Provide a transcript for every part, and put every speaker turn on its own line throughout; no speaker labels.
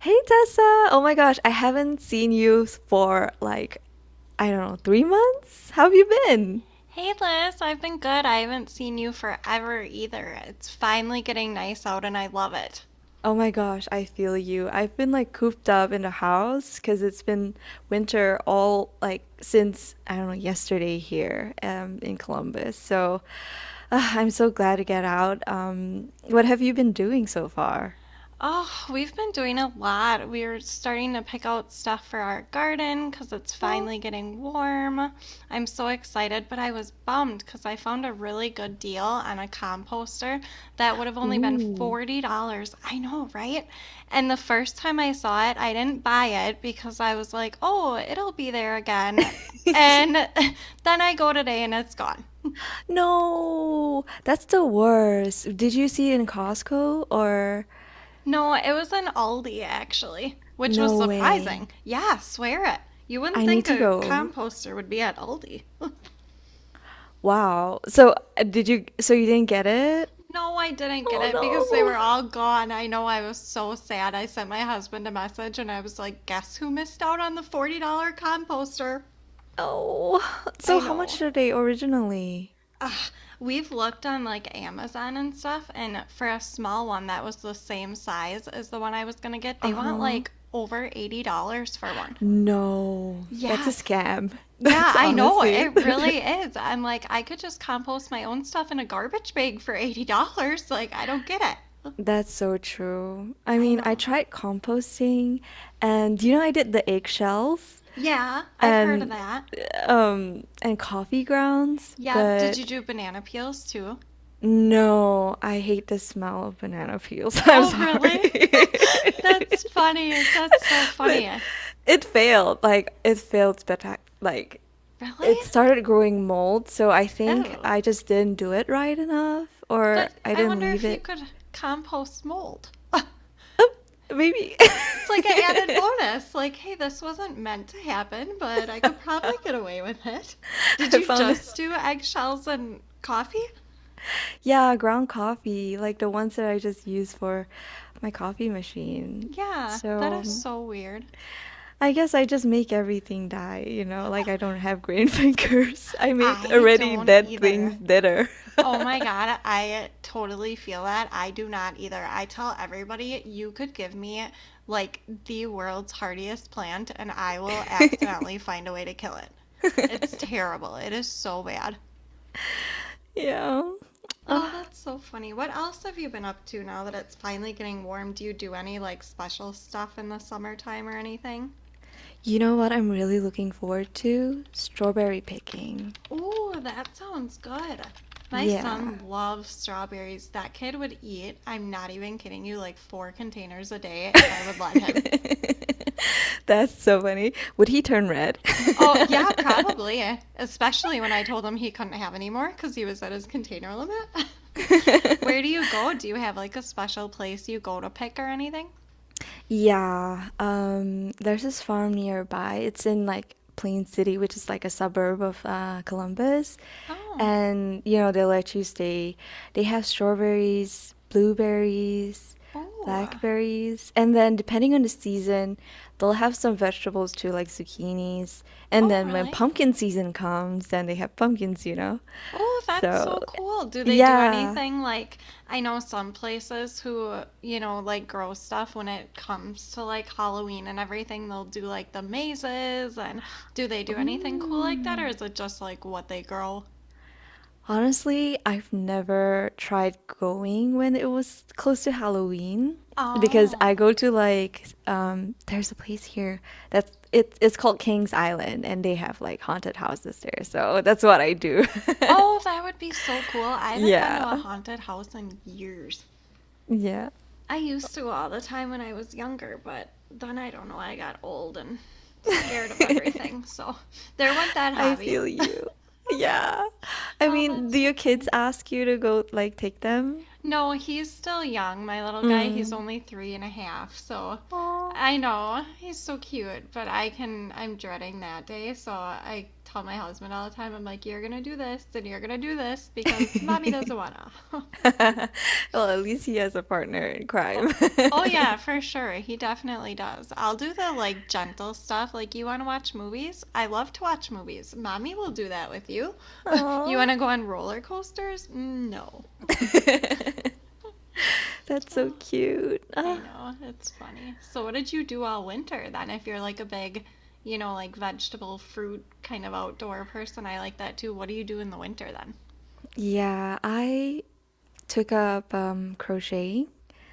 Hey Tessa! Oh my gosh, I haven't seen you for like, I don't know, 3 months? How have you been?
Hey Liz, I've been good. I haven't seen you forever either. It's finally getting nice out and I love it.
Oh my gosh, I feel you. I've been like cooped up in the house because it's been winter all like since, I don't know, yesterday here in Columbus. So I'm so glad to get out. What have you been doing so far?
Oh, we've been doing a lot. We're starting to pick out stuff for our garden because it's
Oh,
finally getting warm. I'm so excited, but I was bummed because I found a really good deal on a composter that would have only been
ooh.
$40. I know, right? And the first time I saw it, I didn't buy it because I was like, oh, it'll be there again. And then I go today and it's gone.
No, that's the worst. Did you see it in Costco or?
No, it was an Aldi, actually, which was
No way.
surprising. Yeah, swear it. You wouldn't
I need
think
to
a
go.
composter would be at Aldi.
Wow. So did you, so you didn't get it?
No, I didn't get
Oh
it because they were
no.
all gone. I know I was so sad. I sent my husband a message and I was like, guess who missed out on the $40 composter?
Oh.
I
So how
know.
much are they originally?
Ugh, we've looked on like Amazon and stuff, and for a small one that was the same size as the one I was gonna get, they want
Uh-huh.
like over $80 for one.
No. That's a
Yes,
scam.
yeah,
That's
I know.
honestly.
It really is. I'm like, I could just compost my own stuff in a garbage bag for $80. Like, I don't get it.
That's so true. I
I
mean, I
know.
tried composting and you know I did the eggshells
Yeah, I've heard of
and
that.
and coffee grounds,
Yeah, did you
but
do banana peels too?
no, I hate the smell of banana peels. I'm
Oh,
sorry.
really? That's funny. That's so
But
funny.
it failed. Like it failed spectac like
Really?
it started growing mold, so I think
Oh.
I just didn't do it right enough or
But
I
I
didn't
wonder
leave
if you
it.
could compost mold.
Maybe
It's like an added bonus. Like, hey, this wasn't meant to happen, but I could probably get away with it. Did
I
you
found it.
just do eggshells and coffee?
Yeah, ground coffee, like the ones that I just use for my coffee machine.
Yeah, that is
So
so weird.
I guess I just make everything die, you know? Like I don't have green fingers. I made
I
already
don't
dead
either.
things deader.
Oh my God, I totally feel that. I do not either. I tell everybody you could give me like the world's hardiest plant and I will accidentally find a way to kill it. It's terrible. It is so bad.
Yeah. Ugh.
Oh, that's so funny. What else have you been up to now that it's finally getting warm? Do you do any like special stuff in the summertime or anything?
You know what I'm really looking forward to? Strawberry picking.
Oh, that sounds good. My
Yeah.
son loves strawberries. That kid would eat, I'm not even kidding you, like four containers a day if I would let him.
That's so funny. Would he turn red?
Oh, yeah, probably. Especially when I told him he couldn't have any more because he was at his container limit. Where do you go? Do you have like a special place you go to pick or anything?
Yeah, there's this farm nearby. It's in like Plain City, which is like a suburb of Columbus.
Oh,
And you know, they let you stay. They have strawberries, blueberries,
oh,
blackberries, and then depending on the season, they'll have some vegetables too, like zucchinis. And
oh,
then when
really?
pumpkin season comes, then they have pumpkins, you know?
Oh, that's
So,
so cool. Do they do
yeah.
anything like I know some places who, you know, like grow stuff when it comes to like Halloween and everything, they'll do like the mazes and do they do anything cool like that or
Mm.
is it just like what they grow?
Honestly, I've never tried going when it was close to Halloween because I
Oh.
go to like there's a place here it's called King's Island and they have like haunted houses there. So that's what I do.
Oh, that would be so cool. I haven't been
Yeah.
to a haunted house in years.
Yeah.
I used to all the time when I was younger, but then I don't know, I got old and scared of everything. So there went that
I
hobby.
feel you. Yeah. I
Oh,
mean,
that's
do your
so
kids
funny.
ask you to go like take them?
No, he's still young, my little guy. He's
Mm.
only three and a half, so
Aw.
I know he's so cute, but I'm dreading that day. So I tell my husband all the time, I'm like, you're gonna do this and you're gonna do this because mommy doesn't wanna.
Well, at least he has a partner in
Oh,
crime.
oh, yeah, for sure. He definitely does. I'll do the like gentle stuff. Like, you wanna watch movies? I love to watch movies. Mommy will do that with you. You
Oh,
wanna go on roller coasters? Mm, no.
that's so
Oh,
cute.
I
Ah.
know, it's funny. So, what did you do all winter then? If you're like a big, you know, like vegetable, fruit kind of outdoor person, I like that too. What do you do in the winter then?
Yeah, I took up crochet.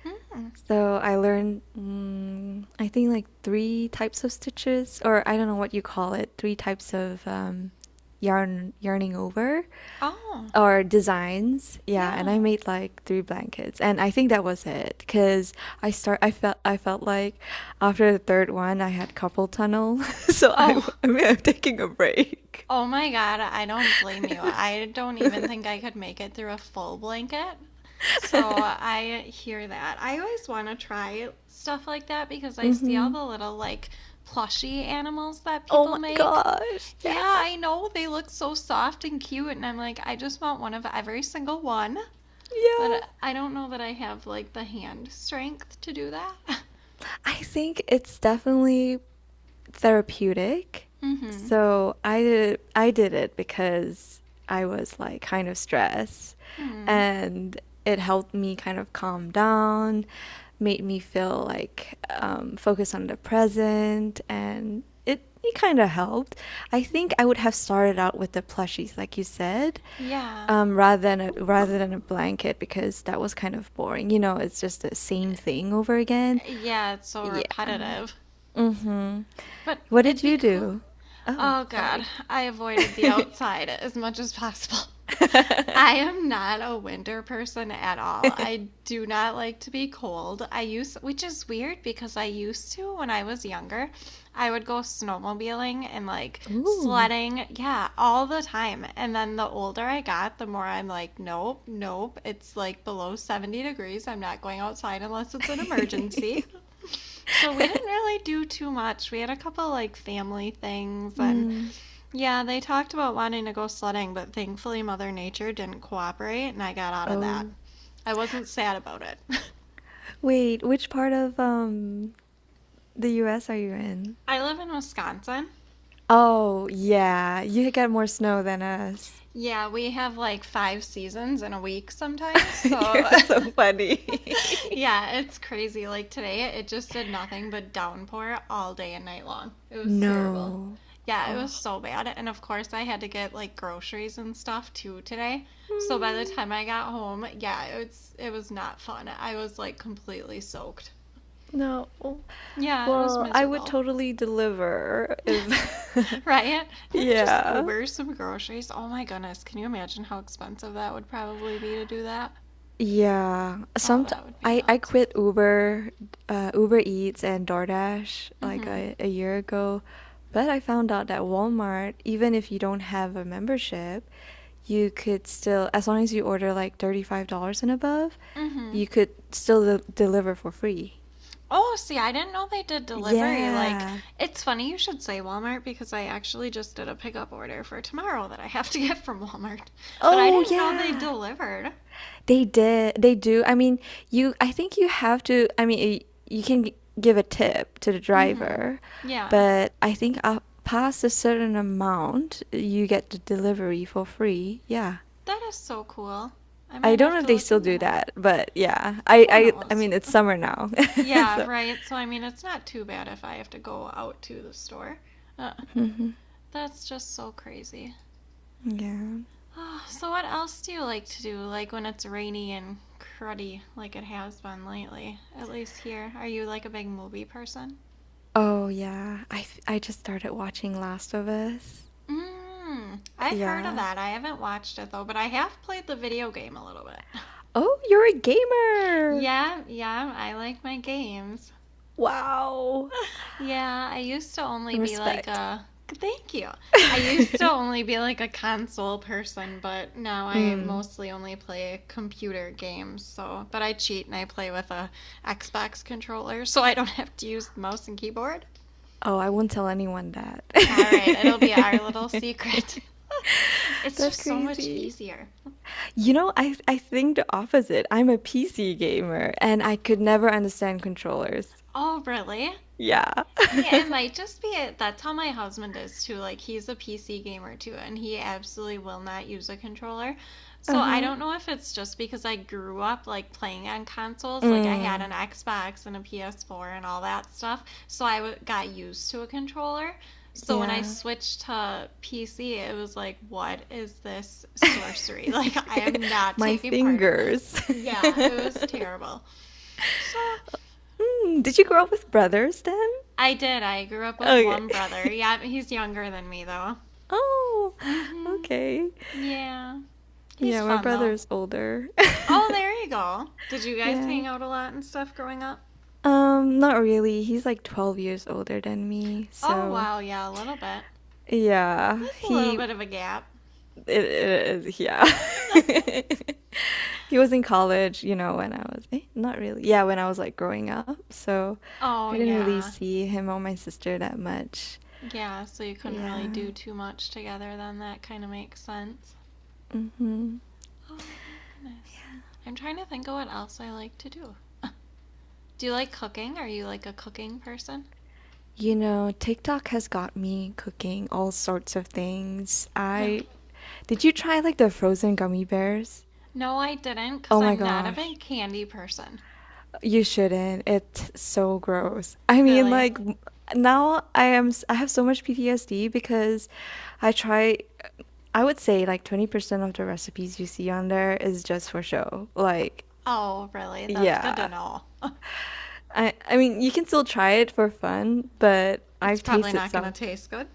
Mm.
So I learned, mm, I think, like three types of stitches, or I don't know what you call it, three types of yarning over
Oh,
or designs. Yeah, and
yeah.
I made like three blankets, and I think that was it because I felt like after the third one I had carpal tunnel, so
Oh,
I mean I'm taking a break.
oh my God, I don't blame you. I don't even think I could make it through a full blanket. So, I hear that. I always want to try stuff like that because I see all
hmm.
the little like plushy animals that
Oh
people
my
make.
gosh.
Yeah,
Yeah.
I know they look so soft and cute, and I'm like, I just want one of every single one. But
Yeah.
I don't know that I have like the hand strength to do that.
I think it's definitely therapeutic.
Mm-hmm.
So I did it because I was like kind of stressed
Hmm.
and it helped me kind of calm down, made me feel like focused on the present and it kind of helped. I think I would have started out with the plushies, like you said,
Yeah.
rather than a blanket because that was kind of boring. You know, it's just the same thing over again.
Yeah, it's so
Yeah.
repetitive.
Mhm.
But
What
it'd
did
be
you
cool.
do? Oh,
Oh God,
sorry.
I avoided the outside as much as possible. I am not a winter person at all. I do not like to be cold. I used, which is weird because I used to when I was younger. I would go snowmobiling and like
Ooh.
sledding, yeah, all the time. And then the older I got, the more I'm like, nope, nope. It's like below 70 degrees. I'm not going outside unless it's an emergency. So we didn't really do too much. We had a couple like family things and
Mm.
yeah, they talked about wanting to go sledding, but thankfully Mother Nature didn't cooperate and I got out of that.
Um,
I wasn't sad about it.
Wait, which part of the US are you in?
I live in Wisconsin.
Oh, yeah. You get more snow than us.
Yeah, we have like five seasons in a week sometimes.
you're
So,
so funny.
yeah, it's crazy. Like today, it just did nothing but downpour all day and night long. It was terrible.
No.
Yeah, it
Oh,
was so bad. And of course, I had to get like groceries and stuff too today. So by the
mm,
time I got home, yeah, it was not fun. I was like completely soaked.
no.
Yeah, it was
Well, I would
miserable.
totally deliver if,
Right? Let me just
yeah.
Uber some groceries. Oh my goodness, can you imagine how expensive that would probably be to do that?
Yeah,
Oh,
some
that would be
I
nuts.
quit Uber, Uber Eats and DoorDash like
Mm-hmm.
a year ago, but I found out that Walmart, even if you don't have a membership, you could still, as long as you order like $35 and above,
Mm-hmm.
you could still de deliver for free.
Oh, see, I didn't know they did delivery. Like,
Yeah.
it's funny you should say Walmart because I actually just did a pickup order for tomorrow that I have to get from Walmart. But I
Oh,
didn't know they
yeah.
delivered.
They did. They do. I mean, I think you have to, I mean, you can give a tip to the
Mm-hmm.
driver,
Yeah,
but I think up past a certain amount, you get the delivery for free. Yeah.
that is so cool. I
I
might
don't
have
know if
to
they
look
still
into
do
that.
that, but yeah. I
Who
I I
knows?
mean, it's summer now.
Yeah,
So,
right. So I mean, it's not too bad if I have to go out to the store. Uh,
mhm,
that's just so crazy.
yeah.
Oh, so what else do you like to do? Like when it's rainy and cruddy, like it has been lately, at least here. Are you like a big movie person?
Oh, yeah. I just started watching Last of Us.
Hmm. I've heard of
Yeah.
that. I haven't watched it though, but I have played the video game a little bit.
Oh, you're a gamer.
Yeah, yeah, I like my games.
Wow.
Yeah, I used to only be like
Respect.
a thank you. I used to only be like a console person, but now I
Mm.
mostly only play computer games. So, but I cheat and I play with a Xbox controller, so I don't have to use mouse and keyboard.
Oh, I won't tell anyone that.
All right, it'll be our little secret. It's
That's
just so much
crazy.
easier.
You know, I think the opposite. I'm a PC gamer and
Oh,
I could never understand controllers.
oh really?
Yeah.
Yeah, it might just be it. That's how my husband is too. Like, he's a PC gamer too, and he absolutely will not use a controller. So I
Uh-huh.
don't know if it's just because I grew up like playing on consoles. Like, I had an
Mm,
Xbox and a PS4 and all that stuff. So I got used to a controller. So when I
yeah.
switched to PC, it was like, what is this sorcery? Like, I am not
My
taking part in this.
fingers.
Yeah, it was terrible. So,
Hmm, did you grow up
uh,
with brothers then?
I did. I grew up with
Okay.
one brother. Yeah, he's younger than me though.
Oh,
Mhm.
okay.
Yeah. He's
Yeah, my
fun
brother
though.
is older.
Oh, there you go. Did you guys hang
Yeah.
out a lot and stuff growing up?
Not really. He's like 12 years older than me. Oh,
Oh,
so
wow. Yeah, a little bit.
yeah,
That's a little
he
bit of a gap.
it is, yeah. He was in college, you know, when I was not really. Yeah, when I was like growing up, so
Oh,
I didn't really
yeah.
see him or my sister that much.
Yeah, so you couldn't really do
Yeah.
too much together then. That kind of makes sense.
Mm-hmm.
Oh, my goodness. I'm trying to think of what else I like to do. Do you like cooking? Are you like a cooking person?
You know, TikTok has got me cooking all sorts of things.
Really?
I did you try like the frozen gummy bears?
No, I didn't because
Oh my
I'm not a
gosh.
big candy person.
You shouldn't. It's so gross. I mean,
Really?
now I have so much PTSD because I try I would say like 20% of the recipes you see on there is just for show. Like,
Oh, really? That's good to
yeah.
know.
I mean, you can still try it for fun, but
It's
I've
probably
tasted
not going to
some.
taste good.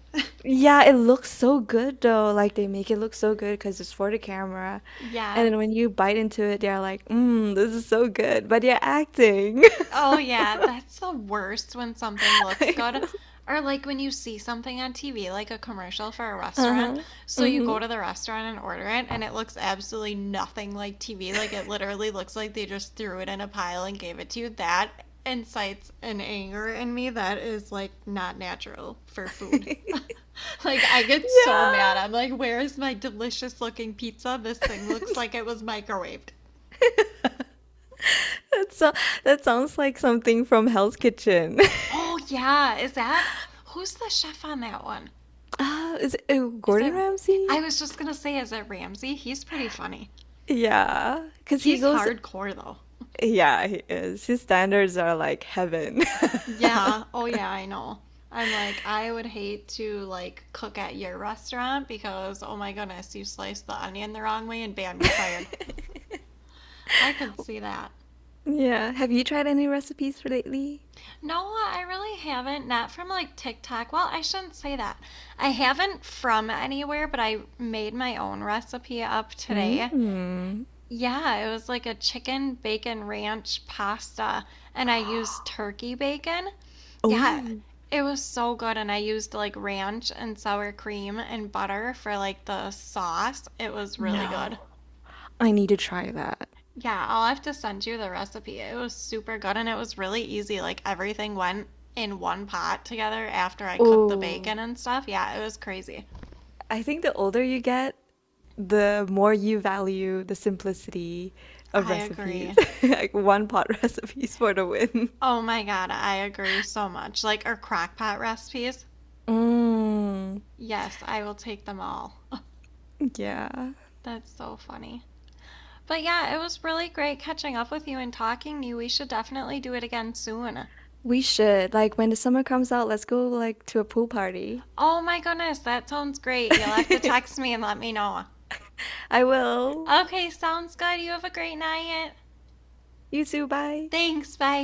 Yeah, it looks so good though. Like they make it look so good because it's for the camera. And
Yeah.
then when you bite into it, they're like, "Mmm, this is so good." But you're acting.
Oh, yeah, that's the worst when something looks good. Or like when you see something on TV, like a commercial for a restaurant.
Uh-huh.
So you go to the restaurant and order it, and it looks absolutely nothing like TV. Like it literally looks like they just threw it in a pile and gave it to you. That incites an anger in me that is like not natural for food.
Yeah.
Like I get so mad. I'm like, where is my delicious looking pizza? This thing looks like it was microwaved.
That so that sounds like something from Hell's Kitchen.
Oh yeah, is that who's the chef on that one?
Ah, is it
Is
Gordon
that
Ramsay?
I was just gonna say, is it Ramsay? He's pretty funny.
Yeah, because he
He's
goes,
hardcore though.
yeah, he is. His standards are like heaven.
Yeah. Oh yeah, I know. I'm like, I would hate to like cook at your restaurant because oh my goodness, you sliced the onion the wrong way and bam, you're fired. I could see that.
Yeah. Have you tried any recipes for lately?
No, I really haven't. Not from like TikTok. Well, I shouldn't say that. I haven't from anywhere, but I made my own recipe up today.
Mm.
Yeah, it was like a chicken bacon ranch pasta, and I used turkey bacon. Yeah,
Oh,
it was so good, and I used like ranch and sour cream and butter for like the sauce. It was really
no.
good.
I need to try that.
Yeah, I'll have to send you the recipe. It was super good, and it was really easy. Like everything went in one pot together after I cooked the
Oh,
bacon and stuff. Yeah, it was crazy.
I think the older you get, the more you value the simplicity of
I
recipes.
agree.
like one pot recipes for the win.
Oh my God, I agree so much. Like our crock pot recipes.
Mm,
Yes, I will take them all.
yeah.
That's so funny. But yeah, it was really great catching up with you and talking to you. We should definitely do it again soon.
We should. Like when the summer comes out, let's go like to a pool party.
Oh my goodness, that sounds great. You'll have to text me and let me know.
I will.
Okay, sounds good. You have a great night.
You too, bye.
Thanks. Bye.